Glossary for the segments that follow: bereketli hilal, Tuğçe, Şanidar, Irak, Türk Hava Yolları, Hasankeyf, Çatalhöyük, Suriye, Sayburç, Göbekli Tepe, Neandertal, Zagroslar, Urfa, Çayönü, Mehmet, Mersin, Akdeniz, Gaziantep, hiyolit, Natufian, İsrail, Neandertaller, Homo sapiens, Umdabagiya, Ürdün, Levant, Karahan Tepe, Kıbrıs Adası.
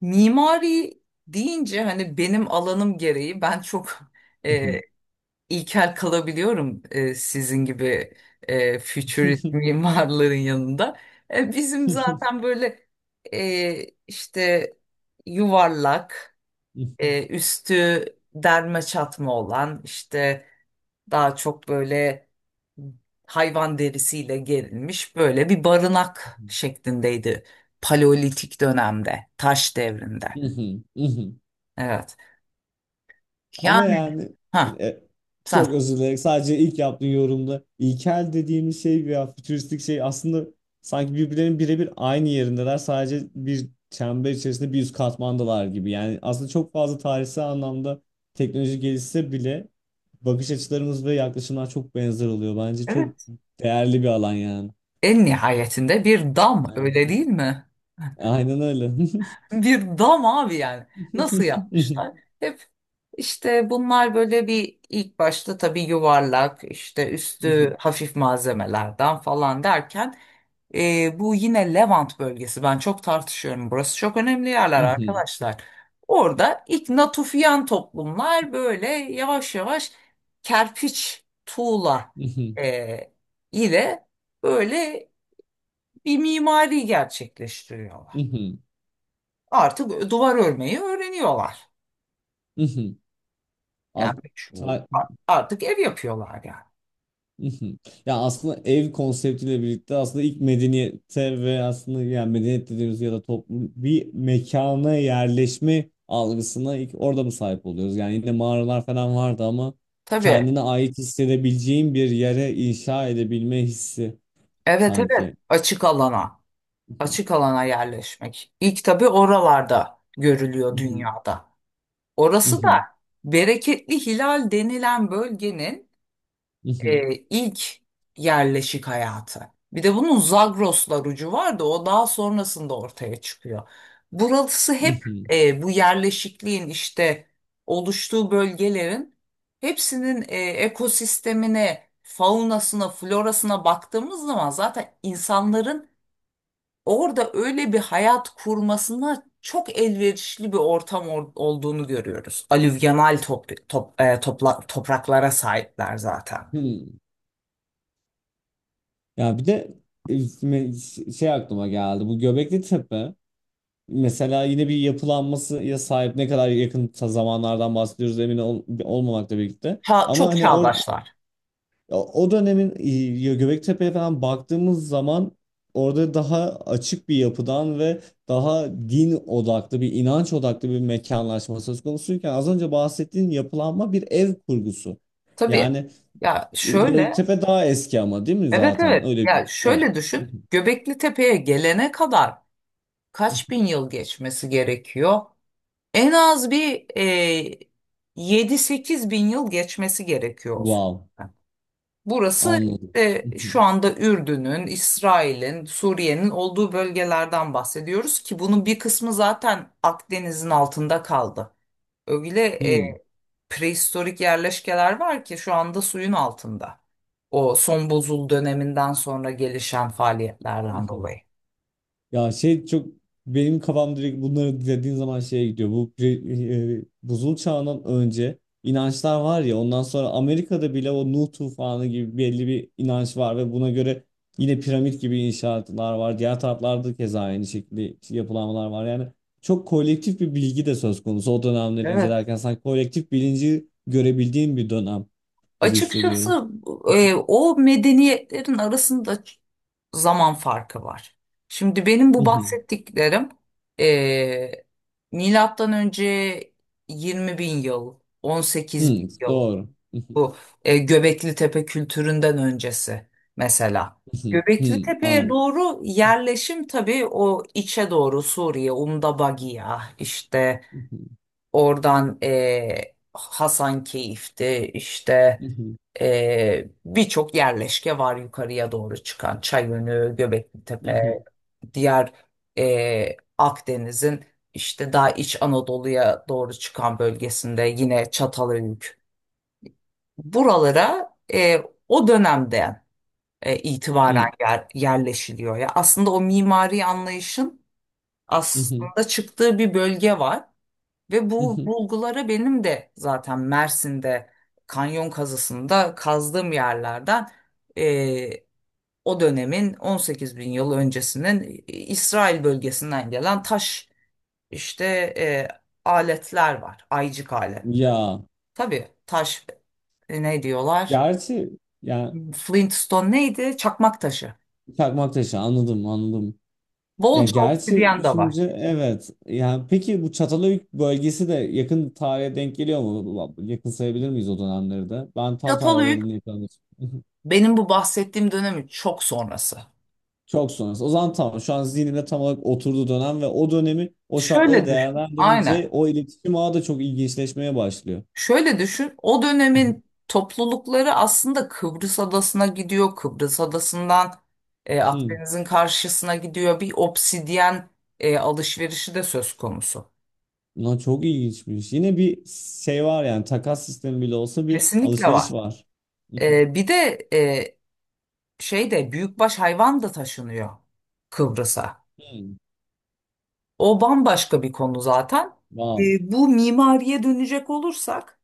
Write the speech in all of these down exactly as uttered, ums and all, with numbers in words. Mimari deyince hani benim alanım gereği ben çok e, Mhm. ilkel kalabiliyorum e, sizin gibi e, futurist mimarların yanında. E, bizim zaten böyle e, işte yuvarlak, Mhm. e, üstü derme çatma olan işte daha çok böyle hayvan derisiyle gerilmiş böyle bir barınak şeklindeydi Paleolitik dönemde, taş devrinde. Mhm. Evet. Ama Yani yani ha e, sen. çok özür dilerim. Sadece ilk yaptığın yorumda ilkel dediğimiz şey veya fütüristik şey aslında sanki birbirlerinin birebir aynı yerindeler. Sadece bir çember içerisinde bir üst katmandalar gibi. Yani aslında çok fazla tarihsel anlamda teknoloji gelişse bile bakış açılarımız ve yaklaşımlar çok benzer oluyor. Bence çok Evet. değerli bir alan yani. En nihayetinde bir dam, öyle Evet. değil mi? Aynen öyle. Bir dam abi yani. Nasıl yapmışlar? Hep işte bunlar böyle bir ilk başta tabii yuvarlak işte üstü hafif malzemelerden falan derken. Ee, bu yine Levant bölgesi. Ben çok tartışıyorum. Burası çok önemli yerler Mhm, arkadaşlar. Orada ilk Natufian toplumlar böyle yavaş yavaş kerpiç, tuğla mhm, e, ile böyle bir mimari gerçekleştiriyorlar. mhm, Artık duvar örmeyi öğreniyorlar. mhm. As- Yani şu- ta- a- Artık ev yapıyorlar yani. mhm. Ya aslında ev konseptiyle birlikte aslında ilk medeniyete ve aslında yani medeniyet dediğimiz ya da toplum bir mekana yerleşme algısına ilk orada mı sahip oluyoruz? Yani yine mağaralar falan vardı ama Tabii. kendine ait hissedebileceğin bir yere inşa edebilme hissi Evet evet, sanki. açık alana. Mhm, Açık alana yerleşmek. İlk tabii oralarda görülüyor mhm, dünyada. Orası da mhm, bereketli hilal denilen bölgenin mhm, e, ilk yerleşik hayatı. Bir de bunun Zagroslar ucu var da o daha sonrasında ortaya çıkıyor. Burası hep mhm. e, bu yerleşikliğin işte oluştuğu bölgelerin hepsinin e, ekosistemine, faunasına, florasına baktığımız zaman zaten insanların orada öyle bir hayat kurmasına çok elverişli bir ortam or- olduğunu görüyoruz. Alüvyonal top- top- e, topla- topraklara sahipler zaten. Hmm. Ya bir de e, me- şey aklıma geldi. Bu Göbekli Tepe. Mesela yine bir yapılanmasıya sahip ne kadar yakın ta- zamanlardan bahsediyoruz emin ol- olmamakla birlikte. Ha, Ama çok hani or çağdaşlar. o o dönemin e, Göbektepe'ye falan baktığımız zaman orada daha açık bir yapıdan ve daha din odaklı bir inanç odaklı bir mekanlaşma söz konusuyken az önce bahsettiğin yapılanma bir ev kurgusu. Tabii. Yani Ya e, şöyle, Göbektepe daha eski ama değil mi evet zaten? evet. Öyle bir Ya evet. şöyle düşün. Göbekli Tepe'ye gelene kadar kaç bin yıl geçmesi gerekiyor? En az bir e, yedi sekiz bin yıl geçmesi gerekiyor. Wow, Burası anladım. e, şu anda Ürdün'ün, İsrail'in, Suriye'nin olduğu bölgelerden bahsediyoruz ki bunun bir kısmı zaten Akdeniz'in altında kaldı. Öyle e, prehistorik yerleşkeler var ki şu anda suyun altında. O son bozul döneminden sonra gelişen faaliyetlerden Hmm. dolayı. Ya şey çok benim kafam direkt bunları dediğin zaman şeye gidiyor. Bu pre- e, buzul çağından önce inançlar var ya ondan sonra Amerika'da bile o Nuh tufanı gibi belli bir inanç var ve buna göre yine piramit gibi inşaatlar var. Diğer taraflarda keza aynı şekilde yapılanmalar var. Yani çok kolektif bir bilgi de söz konusu. O dönemleri Evet. incelerken sanki kolektif bilinci görebildiğim bir dönem gibi hissediyorum. Açıkçası e, o medeniyetlerin arasında ç- zaman farkı var. Şimdi benim bu bahsettiklerim e, milattan önce yirmi bin yıl, on sekiz bin Hmm, yıl, doğru. bu e, Göbekli Tepe kültüründen öncesi mesela. Göbekli Hmm, Tepe'ye an. doğru yerleşim tabii o içe doğru Suriye, Umdabagiya, işte oradan e, Hasankeyf'ti, işte ee, birçok yerleşke var yukarıya doğru çıkan. Çayönü, Göbeklitepe, Mhm, diğer e, Akdeniz'in işte daha iç Anadolu'ya doğru çıkan bölgesinde yine Çatalhöyük. Buralara e, o dönemden e, itibaren mhm, yer- yerleşiliyor. Ya aslında o mimari anlayışın mhm, aslında çıktığı bir bölge var. Ve bu mhm. bulgulara benim de zaten Mersin'de kanyon kazısında kazdığım yerlerden e, o dönemin on sekiz bin yıl öncesinin İsrail bölgesinden gelen taş işte e, aletler var. Aycık aletler. Ya Tabii taş e, ne diyorlar? gerçi yani Flintstone neydi? Çakmak taşı. çakmak taşı anladım anladım. Ya Bolca gerçi obsidyen de var. düşünce evet. Yani peki bu Çatalhöyük bölgesi de yakın tarihe denk geliyor mu? Yakın sayabilir miyiz o dönemleri de? Ben tam tarih Çatalhöyük aralığını yakalamıyorum. benim bu bahsettiğim dönemin çok sonrası. Çok sonrası. O zaman tamam. Şu an zihnimde tam olarak oturduğu dönem ve o dönemi o şartları Şöyle düşün. değerlendirince Aynen. o iletişim ağı da çok ilginçleşmeye başlıyor. Şöyle düşün, o dönemin toplulukları aslında Kıbrıs Adası'na gidiyor. Kıbrıs Adası'ndan e, Akdeniz'in karşısına gidiyor. Bir obsidyen e, alışverişi de söz konusu. Lan çok ilginç bir ilginçmiş. Yine bir şey var yani takas sistemi bile olsa bir Kesinlikle alışveriş var. var. E, bir de e, şey de büyükbaş hayvan da taşınıyor Kıbrıs'a. Hmm. O bambaşka bir konu zaten. E, Wow. Bu mimariye dönecek olursak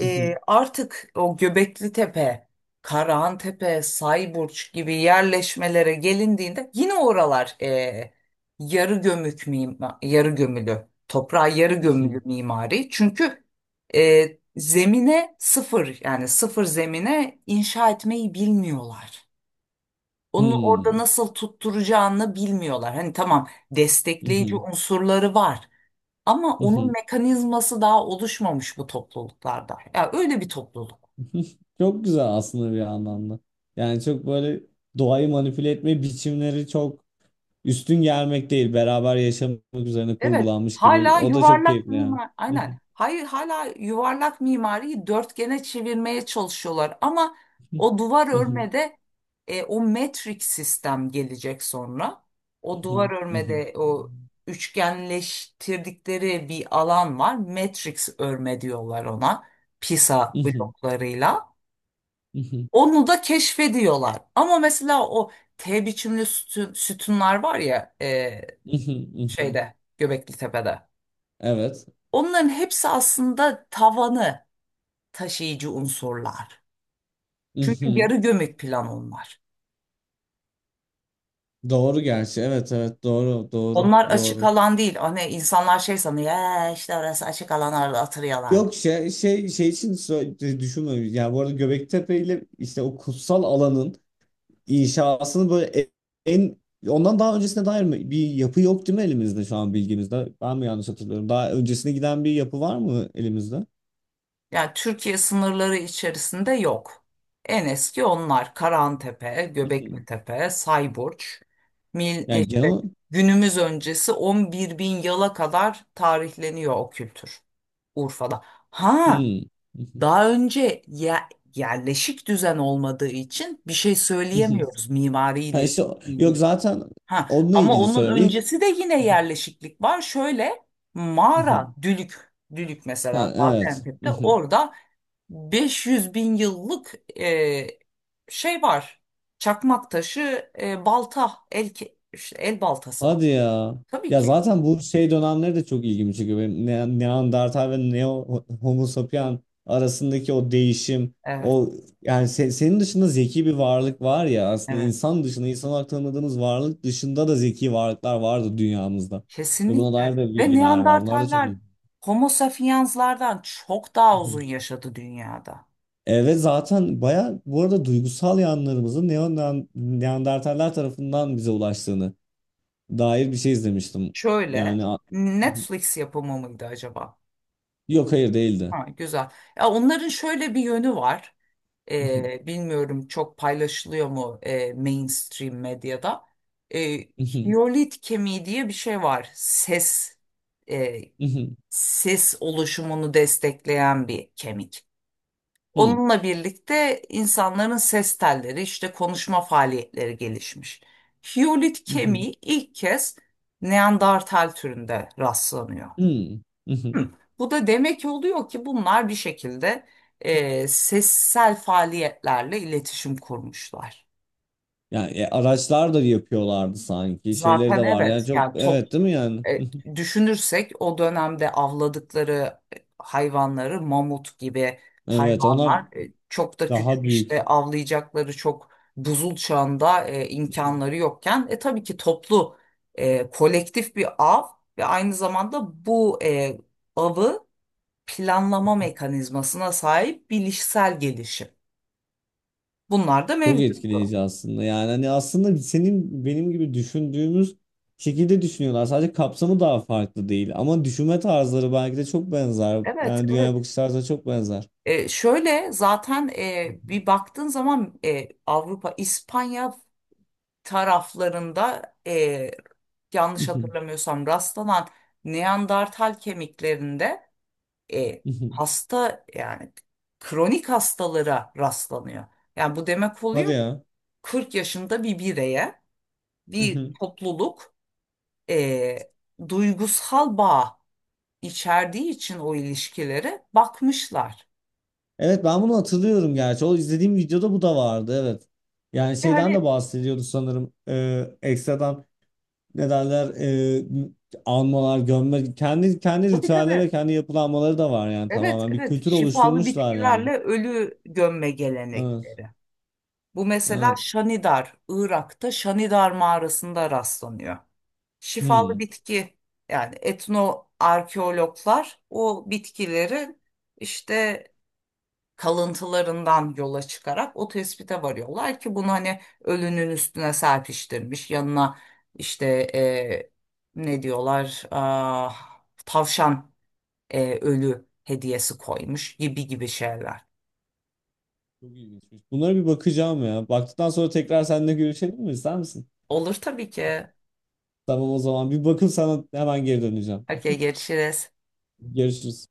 e, artık o Göbekli Tepe, Karahan Tepe, Sayburç gibi yerleşmelere gelindiğinde yine oralar e, yarı gömük mima, yarı gömülü, toprağa yarı gömülü mimari. Çünkü e, zemine sıfır yani sıfır zemine inşa etmeyi bilmiyorlar. Onu orada Hmm. nasıl tutturacağını bilmiyorlar. Hani tamam, destekleyici unsurları var ama onun mekanizması daha oluşmamış bu topluluklarda. Ya öyle bir topluluk. Çok güzel aslında bir anlamda. Yani çok böyle doğayı manipüle etme biçimleri çok üstün gelmek değil. Beraber yaşamak üzerine Evet, kurgulanmış gibi. hala O da çok yuvarlak keyifli yani. mimar, aynen. Hayır, hala yuvarlak mimariyi dörtgene çevirmeye çalışıyorlar. Ama o duvar örmede e, o metrik sistem gelecek sonra. O duvar örmede o üçgenleştirdikleri bir alan var. Matrix örme diyorlar ona. Pisa bloklarıyla. Onu da keşfediyorlar. Ama mesela o T biçimli sütun, sütunlar var ya, e, şeyde, Göbekli Tepe'de. Evet. Onların hepsi aslında tavanı taşıyıcı unsurlar. Çünkü yarı gömük plan onlar. Doğru gerçi. Evet evet doğru, doğru Onlar açık doğru. alan değil. Hani insanlar şey sanıyor, "Ee, işte orası açık alan, orada oturuyorlar." Yok, şey şey şey için sö- düşünmemiş. Yani bu arada Göbektepe ile işte o kutsal alanın inşasını böyle e- en ondan daha öncesine dair mi bir yapı yok değil mi elimizde şu an bilgimizde? Ben mi yanlış hatırlıyorum? Daha öncesine giden bir yapı var mı elimizde? Yani Türkiye sınırları içerisinde yok. En eski onlar Karahantepe, Hı hı. Göbeklitepe, Sayburç, Mil, Yani genel işte olarak- günümüz öncesi on bir bin yıla kadar tarihleniyor o kültür, Urfa'da. Ha, hmm. Hı hı. daha önce ya yerleşik düzen olmadığı için bir şey Hı hı. söyleyemiyoruz Ha mimariyle işte o- yok ilgili. zaten Ha, onunla ama ilgili onun söylüyorum. İlk öncesi de yine yerleşiklik var. Şöyle hı hı. mağara, dülük, dülük mesela Ha, evet. Gaziantep'te, orada beş yüz bin yıllık e, şey var. Çakmak taşı, e, balta, el ke- işte el baltası var. Hadi ya. Tabii Ya ki. zaten bu şey dönemleri de çok ilgimi çekiyor. Benim Ne- Neandertal ve Neo Homo sapien arasındaki o değişim, Evet, o yani se- senin dışında zeki bir varlık var ya aslında evet. insan dışında, insan olarak tanıdığımız varlık dışında da zeki varlıklar vardı dünyamızda. Ve buna dair Kesinlikle. de Ve bilgiler var. Bunlar da çok Neandertaller iyi. Homo sapiens'lardan çok Hı daha uzun hı. yaşadı dünyada. Evet zaten baya bu arada duygusal yanlarımızın Neon Neandertaller tarafından bize ulaştığını dair bir şey izlemiştim. Şöyle, Yani a- hı hı. Netflix yapımı mıydı acaba? Yok, hayır, değildi. Ha, güzel. Ya onların şöyle bir yönü var. Mhm, Ee, bilmiyorum çok paylaşılıyor mu e, mainstream medyada. Ee, mhm, hiyolit kemiği diye bir şey var. Ses e, mhm, ses oluşumunu destekleyen bir kemik. hı, Onunla birlikte insanların ses telleri işte konuşma faaliyetleri gelişmiş. Hiyolit mhm, kemiği ilk kez Neandertal türünde rastlanıyor. hı, mhm. Hı. Bu da demek oluyor ki bunlar bir şekilde e, sessel faaliyetlerle iletişim kurmuşlar. Yani e, araçlar da yapıyorlardı sanki. Şeyleri de Zaten vardı. Yani evet çok yani top evet değil mi yani? e, Mhm. düşünürsek o dönemde avladıkları e, hayvanları, mamut gibi Evet, onlar hayvanlar, e, çok da küçük daha işte büyük. avlayacakları çok buzul çağında e, Mhm. imkanları yokken, e, tabii ki toplu e, kolektif bir av ve aynı zamanda bu e, avı planlama mekanizmasına sahip bilişsel gelişim. Bunlar da Çok mevcuttu. etkileyici aslında. Yani hani aslında senin benim gibi düşündüğümüz şekilde düşünüyorlar. Sadece kapsamı daha farklı değil. Ama düşünme tarzları belki de çok benzer. Evet, Yani dünyaya evet. bakış tarzları çok benzer. E, şöyle zaten e, bir baktığın zaman e, Avrupa, İspanya taraflarında e, yanlış Mhm, hatırlamıyorsam rastlanan Neandertal kemiklerinde e, mhm. hasta yani kronik hastalara rastlanıyor. Yani bu demek Hadi oluyor ki ya. kırk yaşında bir bireye bir topluluk e, duygusal bağ içerdiği için o ilişkilere bakmışlar. Evet ben bunu hatırlıyorum gerçi. O izlediğim videoda bu da vardı, evet. Yani E şeyden de hani, bahsediyordu sanırım. Ee, ekstradan ne derler, ee, almalar, gömme kendi kendi tabii ritüelleri ve tabii. kendi yapılanmaları da var yani Evet, tamamen. Bir evet. kültür Şifalı oluşturmuşlar bitkilerle yani. ölü gömme Evet. gelenekleri. Bu mesela Evet. Şanidar, Irak'ta Şanidar mağarasında rastlanıyor. Şifalı Hmm. bitki yani etno arkeologlar o bitkilerin işte kalıntılarından yola çıkarak o tespite varıyorlar ki bunu hani ölünün üstüne serpiştirmiş, yanına işte e, ne diyorlar, ah, tavşan, e, ölü hediyesi koymuş gibi gibi şeyler. Çok ilginçmiş. Bunlara bir bakacağım ya. Baktıktan sonra tekrar seninle görüşelim mi? İster misin? Olur tabii ki. Tamam, o zaman bir bakıp sana hemen geri döneceğim. Okey, görüşürüz. Görüşürüz.